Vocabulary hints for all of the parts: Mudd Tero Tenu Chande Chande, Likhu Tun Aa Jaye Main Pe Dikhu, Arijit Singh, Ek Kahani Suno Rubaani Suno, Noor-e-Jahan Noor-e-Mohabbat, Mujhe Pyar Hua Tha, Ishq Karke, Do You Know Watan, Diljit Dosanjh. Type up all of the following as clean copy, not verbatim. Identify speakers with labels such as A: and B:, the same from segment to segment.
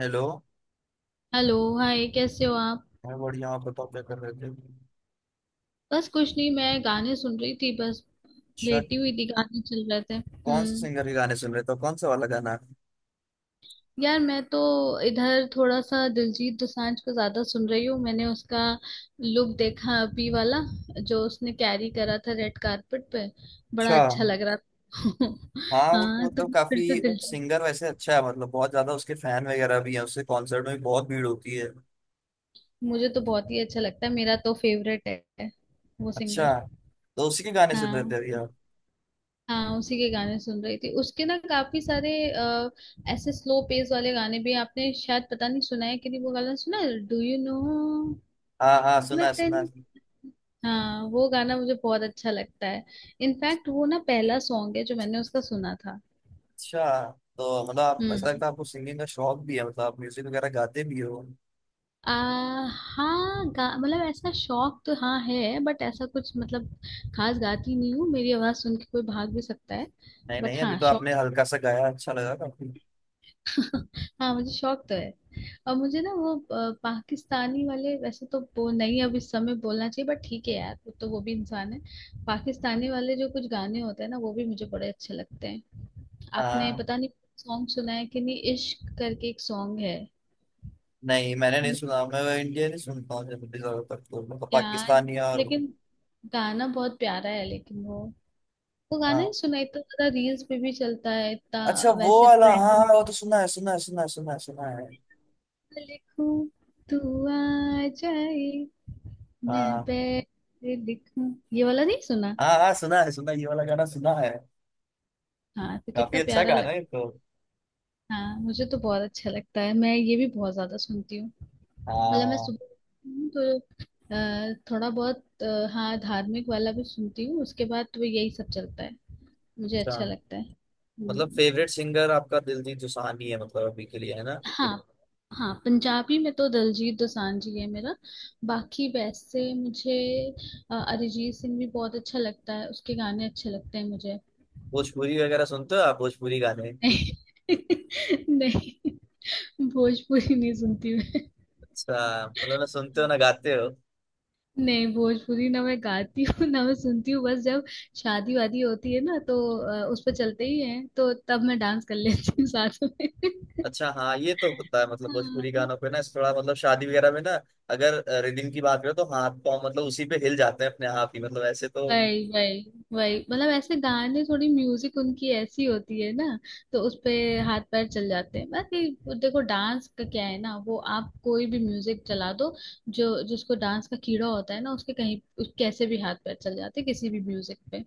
A: Hello.
B: Hello. Hi, कैसे हो आप?
A: मैं बढ़िया, आप बताओ क्या कर रहे थे।
B: बस कुछ नहीं, मैं गाने सुन रही थी बस।
A: अच्छा।
B: लेटी हुई थी, गाने चल रहे थे।
A: कौन से
B: हम्म।
A: सिंगर के गाने सुन रहे थे, तो कौन सा वाला गाना?
B: यार मैं तो इधर थोड़ा सा दिलजीत दोसांझ को ज्यादा सुन रही हूँ। मैंने उसका लुक देखा अभी वाला, जो उसने कैरी करा था रेड कारपेट पे। बड़ा
A: अच्छा।
B: अच्छा लग रहा था।
A: हाँ वो तो
B: हाँ, तो
A: मतलब
B: मैं फिर
A: काफी
B: से दिलजीत।
A: सिंगर वैसे अच्छा है, मतलब बहुत ज्यादा उसके फैन वगैरह भी हैं, उसके कॉन्सर्ट में भी बहुत भीड़ होती है।
B: मुझे तो बहुत ही अच्छा लगता है, मेरा तो फेवरेट है वो सिंगर।
A: अच्छा, तो उसी के गाने सुन रहे थे
B: हाँ।
A: अभी आप?
B: हाँ उसी के गाने सुन रही थी। उसके ना काफी सारे ऐसे स्लो पेस वाले गाने भी हैं। आपने शायद पता नहीं सुना है कि नहीं, वो गाना सुना है, डू यू नो
A: हाँ हाँ सुना है
B: वतन?
A: सुना है।
B: हाँ, वो गाना मुझे बहुत अच्छा लगता है। इनफैक्ट वो ना पहला सॉन्ग है जो मैंने उसका सुना था।
A: अच्छा, तो मतलब आप ऐसा
B: हम्म।
A: लगता है आपको सिंगिंग का शौक भी है, मतलब आप म्यूजिक वगैरह गाते भी हो?
B: आ, हाँ, गा मतलब ऐसा शौक तो हाँ है, बट ऐसा कुछ मतलब खास गाती नहीं हूँ। मेरी आवाज सुन के कोई भाग भी सकता है।
A: नहीं
B: बट
A: नहीं, अभी
B: हाँ,
A: तो
B: शौक।
A: आपने हल्का सा गाया, अच्छा लगा काफी।
B: हाँ, मुझे शौक तो है। और मुझे ना वो पाकिस्तानी वाले, वैसे तो वो नहीं अब इस समय बोलना चाहिए, बट ठीक है यार, वो तो वो भी इंसान है। पाकिस्तानी वाले जो कुछ गाने होते हैं ना, वो भी मुझे बड़े अच्छे लगते हैं। आपने
A: हाँ।
B: पता नहीं सॉन्ग सुना है कि नहीं, इश्क करके एक सॉन्ग है
A: नहीं मैंने नहीं सुना, मैं इंडिया नहीं सुनता हूँ जनरली, ज्यादातर तो मैं तो
B: यार।
A: पाकिस्तानी और
B: लेकिन गाना बहुत प्यारा है, लेकिन वो गाना ही
A: हाँ।
B: सुना इतना ज्यादा, रील्स पे भी चलता है इतना।
A: अच्छा वो
B: वैसे
A: वाला, हाँ
B: ट्रेंड में,
A: हाँ वो तो सुना है सुना है सुना है सुना है सुना है।
B: लिखूं तू आ जाए मैं
A: हाँ
B: पे दिखूं, ये वाला नहीं सुना?
A: हाँ हाँ सुना है, ये वाला गाना सुना है।
B: हाँ, तो
A: काफी
B: कितना
A: अच्छा
B: प्यारा
A: गाना है
B: लगता।
A: ये तो।
B: हाँ मुझे तो बहुत अच्छा लगता है, मैं ये भी बहुत ज्यादा सुनती हूँ। मतलब मैं
A: हाँ।
B: सुबह उठती हूँ तो थोड़ा बहुत हाँ, धार्मिक वाला भी सुनती हूँ। उसके बाद तो यही सब चलता है। मुझे
A: अच्छा,
B: अच्छा लगता है।
A: मतलब
B: हम्म।
A: फेवरेट सिंगर आपका दिलजीत दोसांझ ही है, मतलब अभी के लिए, है ना?
B: हाँ। हाँ पंजाबी में तो दलजीत दोसांझ जी है मेरा। बाकी वैसे मुझे अरिजीत सिंह भी बहुत अच्छा लगता है, उसके गाने अच्छे लगते हैं मुझे।
A: भोजपुरी वगैरह सुनते हो आप, भोजपुरी गाने?
B: नहीं, भोजपुरी नहीं सुनती मैं।
A: अच्छा मतलब ना सुनते हो ना गाते हो।
B: नहीं, भोजपुरी ना मैं गाती हूँ ना मैं सुनती हूँ। बस जब शादी वादी होती है ना तो उस पर चलते ही हैं, तो तब मैं डांस कर लेती हूँ साथ में।
A: अच्छा हाँ ये तो होता है, मतलब भोजपुरी
B: हाँ।
A: गानों पे ना इस थोड़ा मतलब शादी वगैरह में ना, अगर रिदिम की बात करें तो हाथ पाँव मतलब उसी पे हिल जाते हैं अपने आप ही, मतलब ऐसे तो।
B: वही वही वही मतलब ऐसे गाने, थोड़ी म्यूजिक उनकी ऐसी होती है ना, तो उस पे हाथ पैर चल जाते हैं। बाकी देखो, डांस का क्या है ना, वो आप कोई भी म्यूजिक चला दो, जो जिसको डांस का कीड़ा होता है ना, उसके कहीं कैसे भी हाथ पैर चल जाते हैं किसी भी म्यूजिक पे।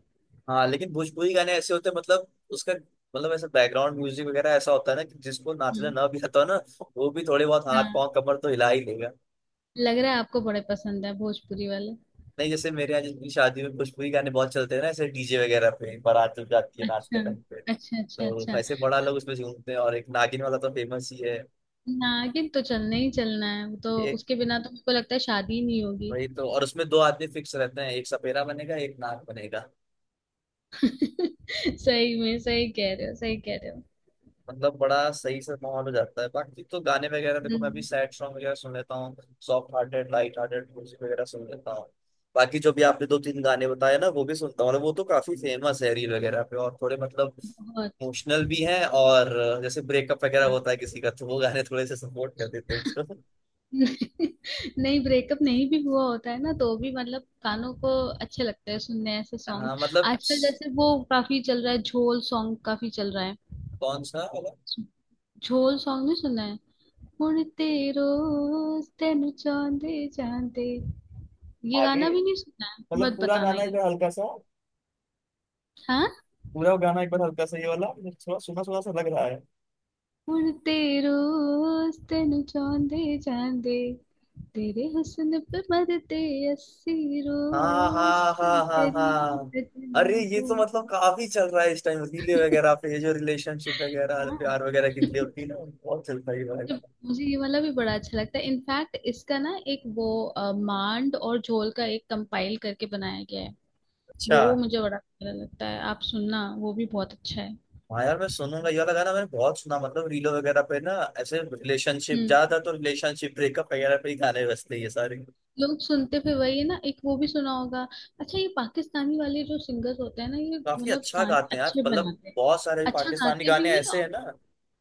A: हाँ लेकिन भोजपुरी गाने ऐसे होते हैं मतलब, उसका मतलब ऐसा बैकग्राउंड म्यूजिक वगैरह ऐसा होता है ना कि जिसको नाचना
B: हम्म।
A: ना भी आता हो ना, वो भी थोड़े बहुत हाथ
B: हाँ,
A: पाँव कमर तो हिला ही लेगा।
B: लग रहा है आपको बड़े पसंद है भोजपुरी वाले।
A: नहीं, जैसे मेरे यहाँ जिसकी शादी में भोजपुरी गाने बहुत चलते हैं ना, ऐसे डीजे वगैरह पे बारात जब जाती है नाचते
B: अच्छा,
A: टाइम पे,
B: अच्छा, अच्छा।
A: तो
B: अच्छा,
A: ऐसे बड़ा लोग उसमें झूमते हैं, और एक नागिन वाला तो फेमस ही
B: नागिन तो चलना ही चलना है, वो तो
A: है।
B: उसके बिना तो मुझको लगता है शादी ही नहीं होगी।
A: वही तो, और उसमें दो आदमी फिक्स रहते हैं, एक सपेरा बनेगा एक नाग बनेगा।
B: सही में, सही कह रहे हो, सही कह रहे हो।
A: मतलब बड़ा सही से माहौल हो जाता है। बाकी तो गाने वगैरह देखो, मैं भी
B: हम्म।
A: सैड सॉन्ग वगैरह सुन लेता हूँ, soft hearted light hearted music वगैरह सुन लेता हूँ। बाकी जो भी आपने दो तीन गाने बताए ना वो भी सुनता हूँ, और वो तो काफी फेमस है रील वगैरह पे, और थोड़े मतलब
B: बहुत।
A: इमोशनल भी हैं, और जैसे ब्रेकअप वगैरह
B: हाँ।
A: होता है किसी का तो वो गाने थोड़े से सपोर्ट कर देते हैं उसको।
B: नहीं, ब्रेकअप नहीं भी हुआ होता है ना तो भी मतलब कानों को अच्छे लगते हैं सुनने ऐसे सॉन्ग।
A: हाँ मतलब।
B: आजकल जैसे वो काफी चल रहा है, झोल सॉन्ग काफी चल रहा है।
A: कौन सा वाला?
B: झोल सॉन्ग नहीं सुना? मुड़ तेरो, तेनु चांदे चांदे, ये
A: आगे
B: गाना भी नहीं सुना है?
A: मतलब
B: मत
A: पूरा
B: बताना
A: गाना
B: ये।
A: एकदम हल्का सा,
B: हाँ,
A: पूरा गाना एक बार हल्का सा, ये वाला मुझे थोड़ा सुना सुना सा लग रहा है।
B: मुड़ तेरो, तेनु चांदे चांदे, तेरे हुस्न पे मरते अस्सी
A: हाँ
B: रोज
A: हाँ
B: की
A: हाँ हाँ
B: करीब
A: हाँ। अरे
B: सजना
A: ये
B: हो।
A: तो मतलब काफी चल रहा है इस टाइम, रीले वगैरह पे ये जो रिलेशनशिप वगैरह
B: हाँ।
A: प्यार वगैरह की रीले होती है ना, बहुत चलता है ये वाला
B: जब,
A: गाना।
B: मुझे ये वाला भी बड़ा अच्छा लगता है। इनफैक्ट इसका ना एक वो मांड और झोल का एक कंपाइल करके बनाया गया है।
A: अच्छा
B: वो मुझे बड़ा अच्छा लगता है, आप सुनना, वो भी बहुत अच्छा है।
A: हाँ यार मैं सुनूंगा ये वाला गाना। मैंने बहुत सुना मतलब रीलो वगैरह पे ना, ऐसे रिलेशनशिप
B: हम्म।
A: ज्यादा, तो रिलेशनशिप ब्रेकअप वगैरह पे ही गाने बजते हैं ये सारे।
B: लोग सुनते फिर वही है ना, एक वो भी सुना होगा। अच्छा ये पाकिस्तानी वाले जो सिंगर्स होते हैं ना, ये
A: काफी
B: मतलब
A: अच्छा गाते
B: गाने
A: हैं यार,
B: अच्छे
A: मतलब
B: बनाते हैं।
A: बहुत सारे
B: अच्छा
A: पाकिस्तानी
B: गाते
A: गाने
B: भी हैं
A: ऐसे हैं
B: और।
A: ना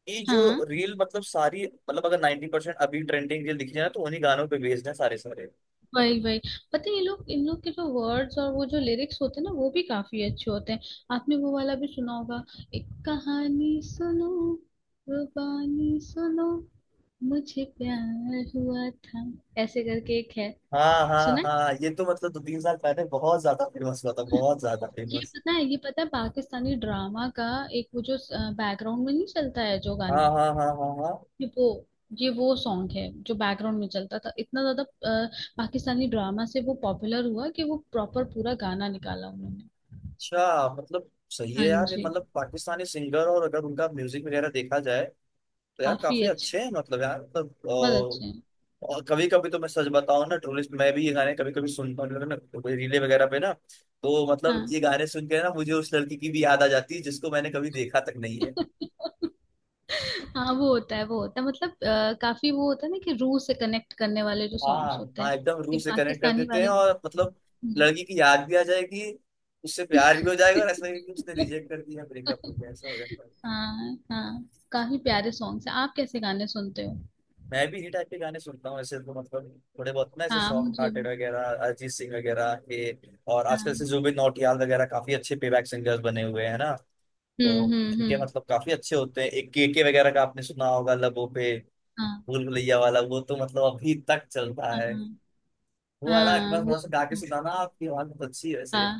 A: कि
B: हाँ।
A: जो रील मतलब सारी, मतलब अगर 90% अभी ट्रेंडिंग रील दिख जाए ना तो उन्हीं गानों पे बेस्ड है सारे सारे।
B: वही वही पता है, ये लोग, इन लोग के जो वर्ड्स और वो जो लिरिक्स होते हैं ना, वो भी काफी अच्छे होते हैं। आपने वो वाला भी सुना होगा, एक कहानी सुनो, रुबानी सुनो, मुझे प्यार हुआ था, ऐसे करके एक है।
A: हाँ हाँ
B: सुना है?
A: हाँ ये तो मतलब दो तीन साल पहले बहुत ज्यादा फेमस हुआ था, बहुत ज्यादा
B: ये
A: फेमस।
B: पता है, ये पता है पाकिस्तानी ड्रामा का, एक वो जो बैकग्राउंड में नहीं चलता है जो
A: हाँ
B: गाने।
A: हाँ हाँ हाँ हाँ।
B: ये वो ये वो सॉन्ग है जो बैकग्राउंड में चलता था इतना ज्यादा। पाकिस्तानी ड्रामा से वो पॉपुलर हुआ कि वो प्रॉपर पूरा गाना निकाला उन्होंने।
A: अच्छा मतलब, सही है
B: हाँ
A: यार ये,
B: जी।
A: मतलब पाकिस्तानी सिंगर और अगर उनका म्यूजिक वगैरह देखा जाए तो यार
B: काफी
A: काफी
B: अच्छे,
A: अच्छे हैं, मतलब यार मतलब।
B: बहुत अच्छे हैं।
A: और कभी कभी तो मैं सच बताऊं ना, टूरिस्ट मैं भी ये गाने कभी कभी सुनता हूँ ना, रीले वगैरह पे ना, तो मतलब
B: हाँ।
A: ये गाने सुन के ना मुझे उस लड़की की भी याद आ जाती है जिसको मैंने कभी देखा तक नहीं है।
B: हाँ, वो होता है, मतलब काफी वो होता है ना कि रूह से कनेक्ट करने वाले जो
A: हाँ
B: सॉन्ग्स होते
A: हाँ
B: हैं,
A: एकदम
B: कि
A: रूह से कनेक्ट कर
B: पाकिस्तानी
A: देते हैं,
B: वाले
A: और
B: वो।
A: मतलब
B: हम्म।
A: लड़की की याद भी आ जाएगी, उससे प्यार भी हो जाएगा, और ऐसा लगेगा कि उसने रिजेक्ट कर दिया, ब्रेकअप हो गया, ऐसा हो जाता है।
B: हाँ हाँ, काफी प्यारे सॉन्ग्स हैं। आप कैसे गाने सुनते हो?
A: मैं भी इसी टाइप के गाने सुनता हूँ ऐसे तो, मतलब थोड़े बहुत ना ऐसे
B: हाँ
A: सॉफ्ट
B: मुझे
A: हार्टेड
B: भी।
A: वगैरह, अरिजीत सिंह वगैरह के, और आजकल से
B: हाँ।
A: जुबिन नौटियाल वगैरह काफी अच्छे पेबैक सिंगर्स बने हुए हैं ना, तो इनके
B: हम्म।
A: मतलब काफी अच्छे होते हैं। एक केके वगैरह का आपने सुना होगा, लबों पे,
B: हाँ।
A: भूल भुलैया वाला, वो तो मतलब अभी तक चलता है।
B: हाँ
A: वो वाला एक
B: हाँ,
A: बार
B: वो,
A: थोड़ा सा गा के सुनाना, आपकी आवाज बहुत अच्छी है वैसे।
B: हाँ।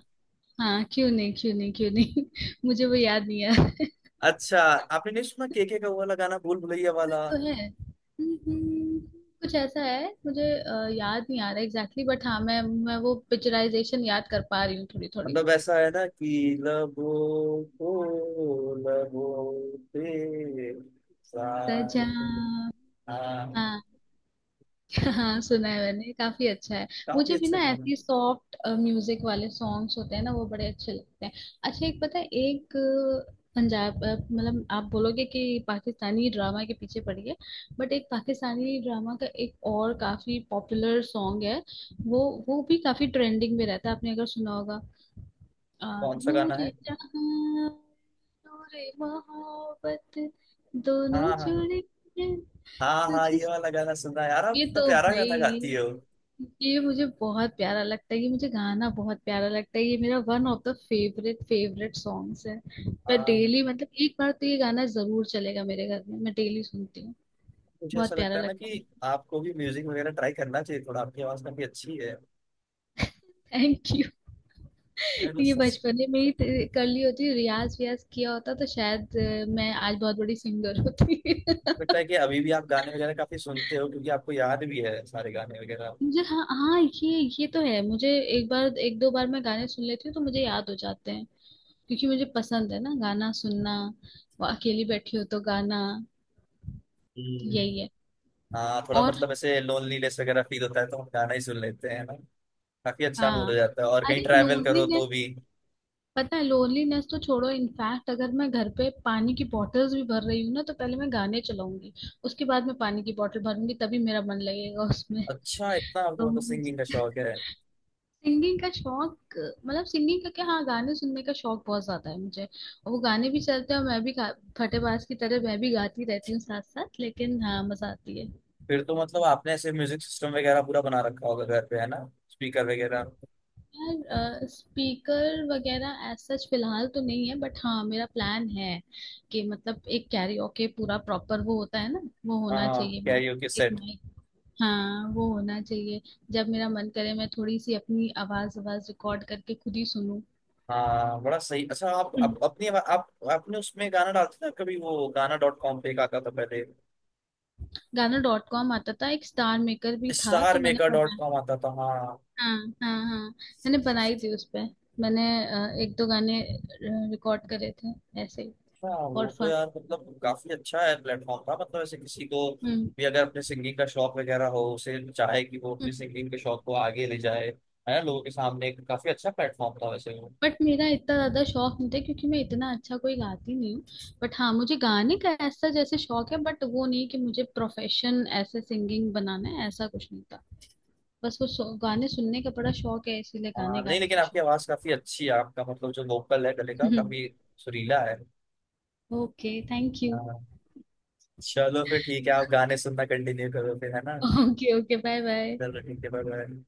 B: हाँ, क्यों नहीं, क्यों नहीं। मुझे वो याद नहीं है।
A: अच्छा आपने नहीं सुना केके का वो वाला गाना, भूल भुलैया
B: ना
A: वाला?
B: तो है। हम्म। हम्म। कुछ ऐसा है, मुझे याद नहीं आ रहा एग्जैक्टली, बट हाँ मैं वो पिक्चराइजेशन याद कर पा रही हूँ थोड़ी थोड़ी।
A: मतलब ऐसा है ना कि लबों को, लबों पे
B: सजा।
A: साए। हाँ।
B: हाँ। हाँ सुना है मैंने, काफी अच्छा है।
A: काफी
B: मुझे भी
A: अच्छा
B: ना
A: गाना।
B: ऐसी सॉफ्ट म्यूजिक वाले सॉन्ग्स होते हैं ना, वो बड़े अच्छे लगते हैं। अच्छा एक पता है, एक पंजाब मतलब आप बोलोगे कि पाकिस्तानी ड्रामा के पीछे पड़ी है, बट एक पाकिस्तानी ड्रामा का एक और काफी पॉपुलर सॉन्ग है। वो वो भी काफी ट्रेंडिंग में रहता है। आपने अगर सुना होगा, अ,
A: कौन सा गाना
B: नूरे
A: है?
B: जहां, नूरे मोहब्बत,
A: हाँ
B: दोनों
A: हाँ
B: जुड़े हैं
A: हाँ हाँ ये
B: तुझसे।
A: वाला गाना सुना है। यार आप
B: ये
A: कितना
B: तो
A: प्यारा गाना गाती
B: भाई,
A: हो।
B: ये मुझे बहुत प्यारा लगता है, ये मुझे गाना बहुत प्यारा लगता है, ये मेरा one of the favourite favourite songs है। मैं डेली
A: हाँ।
B: मतलब, एक बार तो ये गाना जरूर चलेगा मेरे घर में, मैं डेली सुनती हूँ।
A: मुझे
B: बहुत
A: ऐसा
B: प्यारा
A: लगता है ना
B: लगता है।
A: कि आपको भी म्यूजिक वगैरह ट्राई करना चाहिए थोड़ा, आपकी आवाज काफी अच्छी है।
B: Thank you.
A: ये मतलब
B: ये
A: सच-,
B: बचपन में ही कर ली होती रियाज वियाज किया होता, तो शायद मैं आज बहुत बड़ी सिंगर होती।
A: लगता है कि अभी भी आप गाने वगैरह काफी सुनते हो क्योंकि आपको याद भी है सारे गाने वगैरह।
B: मुझे, हाँ हाँ, ये तो है मुझे, एक बार एक दो बार मैं गाने सुन लेती हूँ तो मुझे याद हो जाते हैं, क्योंकि मुझे पसंद है ना गाना सुनना। वो अकेली बैठी हो तो गाना
A: हम्म।
B: यही है।
A: हाँ, थोड़ा
B: और
A: मतलब ऐसे लोनलीनेस वगैरह फील होता है तो हम गाना ही सुन लेते हैं ना, काफी अच्छा मूड
B: हाँ।
A: हो जाता है, और कहीं
B: अरे
A: ट्रैवल करो तो
B: लोनलीनेस,
A: भी।
B: पता है लोनलीनेस तो छोड़ो, इनफैक्ट अगर मैं घर पे पानी की बॉटल्स भी भर रही हूँ ना, तो पहले मैं गाने चलाऊंगी उसके बाद मैं पानी की बॉटल भरूंगी, तभी मेरा मन लगेगा उसमें।
A: अच्छा इतना आपको
B: तो
A: मतलब सिंगिंग का शौक है।
B: सिंगिंग का शौक, मतलब सिंगिंग का क्या, हाँ गाने सुनने का शौक बहुत ज्यादा है मुझे, और वो गाने भी चलते हैं और मैं भी फटेबाज की तरह मैं भी गाती रहती हूँ साथ साथ, लेकिन हाँ मजा आती है।
A: फिर तो मतलब आपने ऐसे म्यूजिक सिस्टम वगैरह पूरा बना रखा होगा घर पे, है ना? स्पीकर वगैरह।
B: यार स्पीकर वगैरह एज सच फिलहाल तो नहीं है, बट हाँ मेरा प्लान है कि मतलब एक कैरियोके पूरा प्रॉपर वो होता है ना, वो होना
A: हाँ
B: चाहिए मेरे,
A: कैरियोके
B: एक
A: सेट।
B: माइक। हाँ, वो होना चाहिए, जब मेरा मन करे मैं थोड़ी सी अपनी आवाज आवाज रिकॉर्ड करके खुद ही सुनूं।
A: हाँ बड़ा सही। अच्छा आप अपनी आप आपने उसमें गाना डालते थे कभी, वो गाना डॉट कॉम पे एक आता था पहले,
B: गाना.com आता था, एक StarMaker भी था, तो
A: स्टार
B: मैंने
A: मेकर डॉट
B: बनाया।
A: कॉम आता था? हाँ।
B: हाँ। हाँ, मैंने बनाई थी उस पे, मैंने 1-2 गाने रिकॉर्ड करे थे, ऐसे
A: अच्छा
B: फॉर
A: वो तो
B: फन।
A: यार मतलब काफी अच्छा है प्लेटफॉर्म था, मतलब ऐसे किसी को भी अगर अपने सिंगिंग का शौक वगैरह हो उसे चाहे कि वो अपने सिंगिंग के शौक को आगे ले जाए, है ना, लोगों के सामने, एक काफी अच्छा प्लेटफॉर्म था वैसे वो।
B: बट मेरा इतना ज्यादा शौक नहीं था, क्योंकि मैं इतना अच्छा कोई गाती नहीं हूँ। बट हाँ, मुझे गाने का ऐसा जैसे शौक है, बट वो नहीं कि मुझे प्रोफेशन ऐसे सिंगिंग बनाना है, ऐसा कुछ नहीं था। बस वो गाने सुनने का बड़ा शौक है, इसीलिए
A: हाँ
B: गाने
A: नहीं
B: गाने
A: लेकिन
B: का शौक।
A: आपकी आवाज काफी अच्छी है आपका, मतलब जो वोकल है गले का काफी सुरीला है।
B: Okay, thank you.
A: हाँ। चलो फिर ठीक है, आप गाने सुनना कंटिन्यू करो फिर, है ना?
B: Okay okay, bye bye.
A: दर ठीक के बारे में।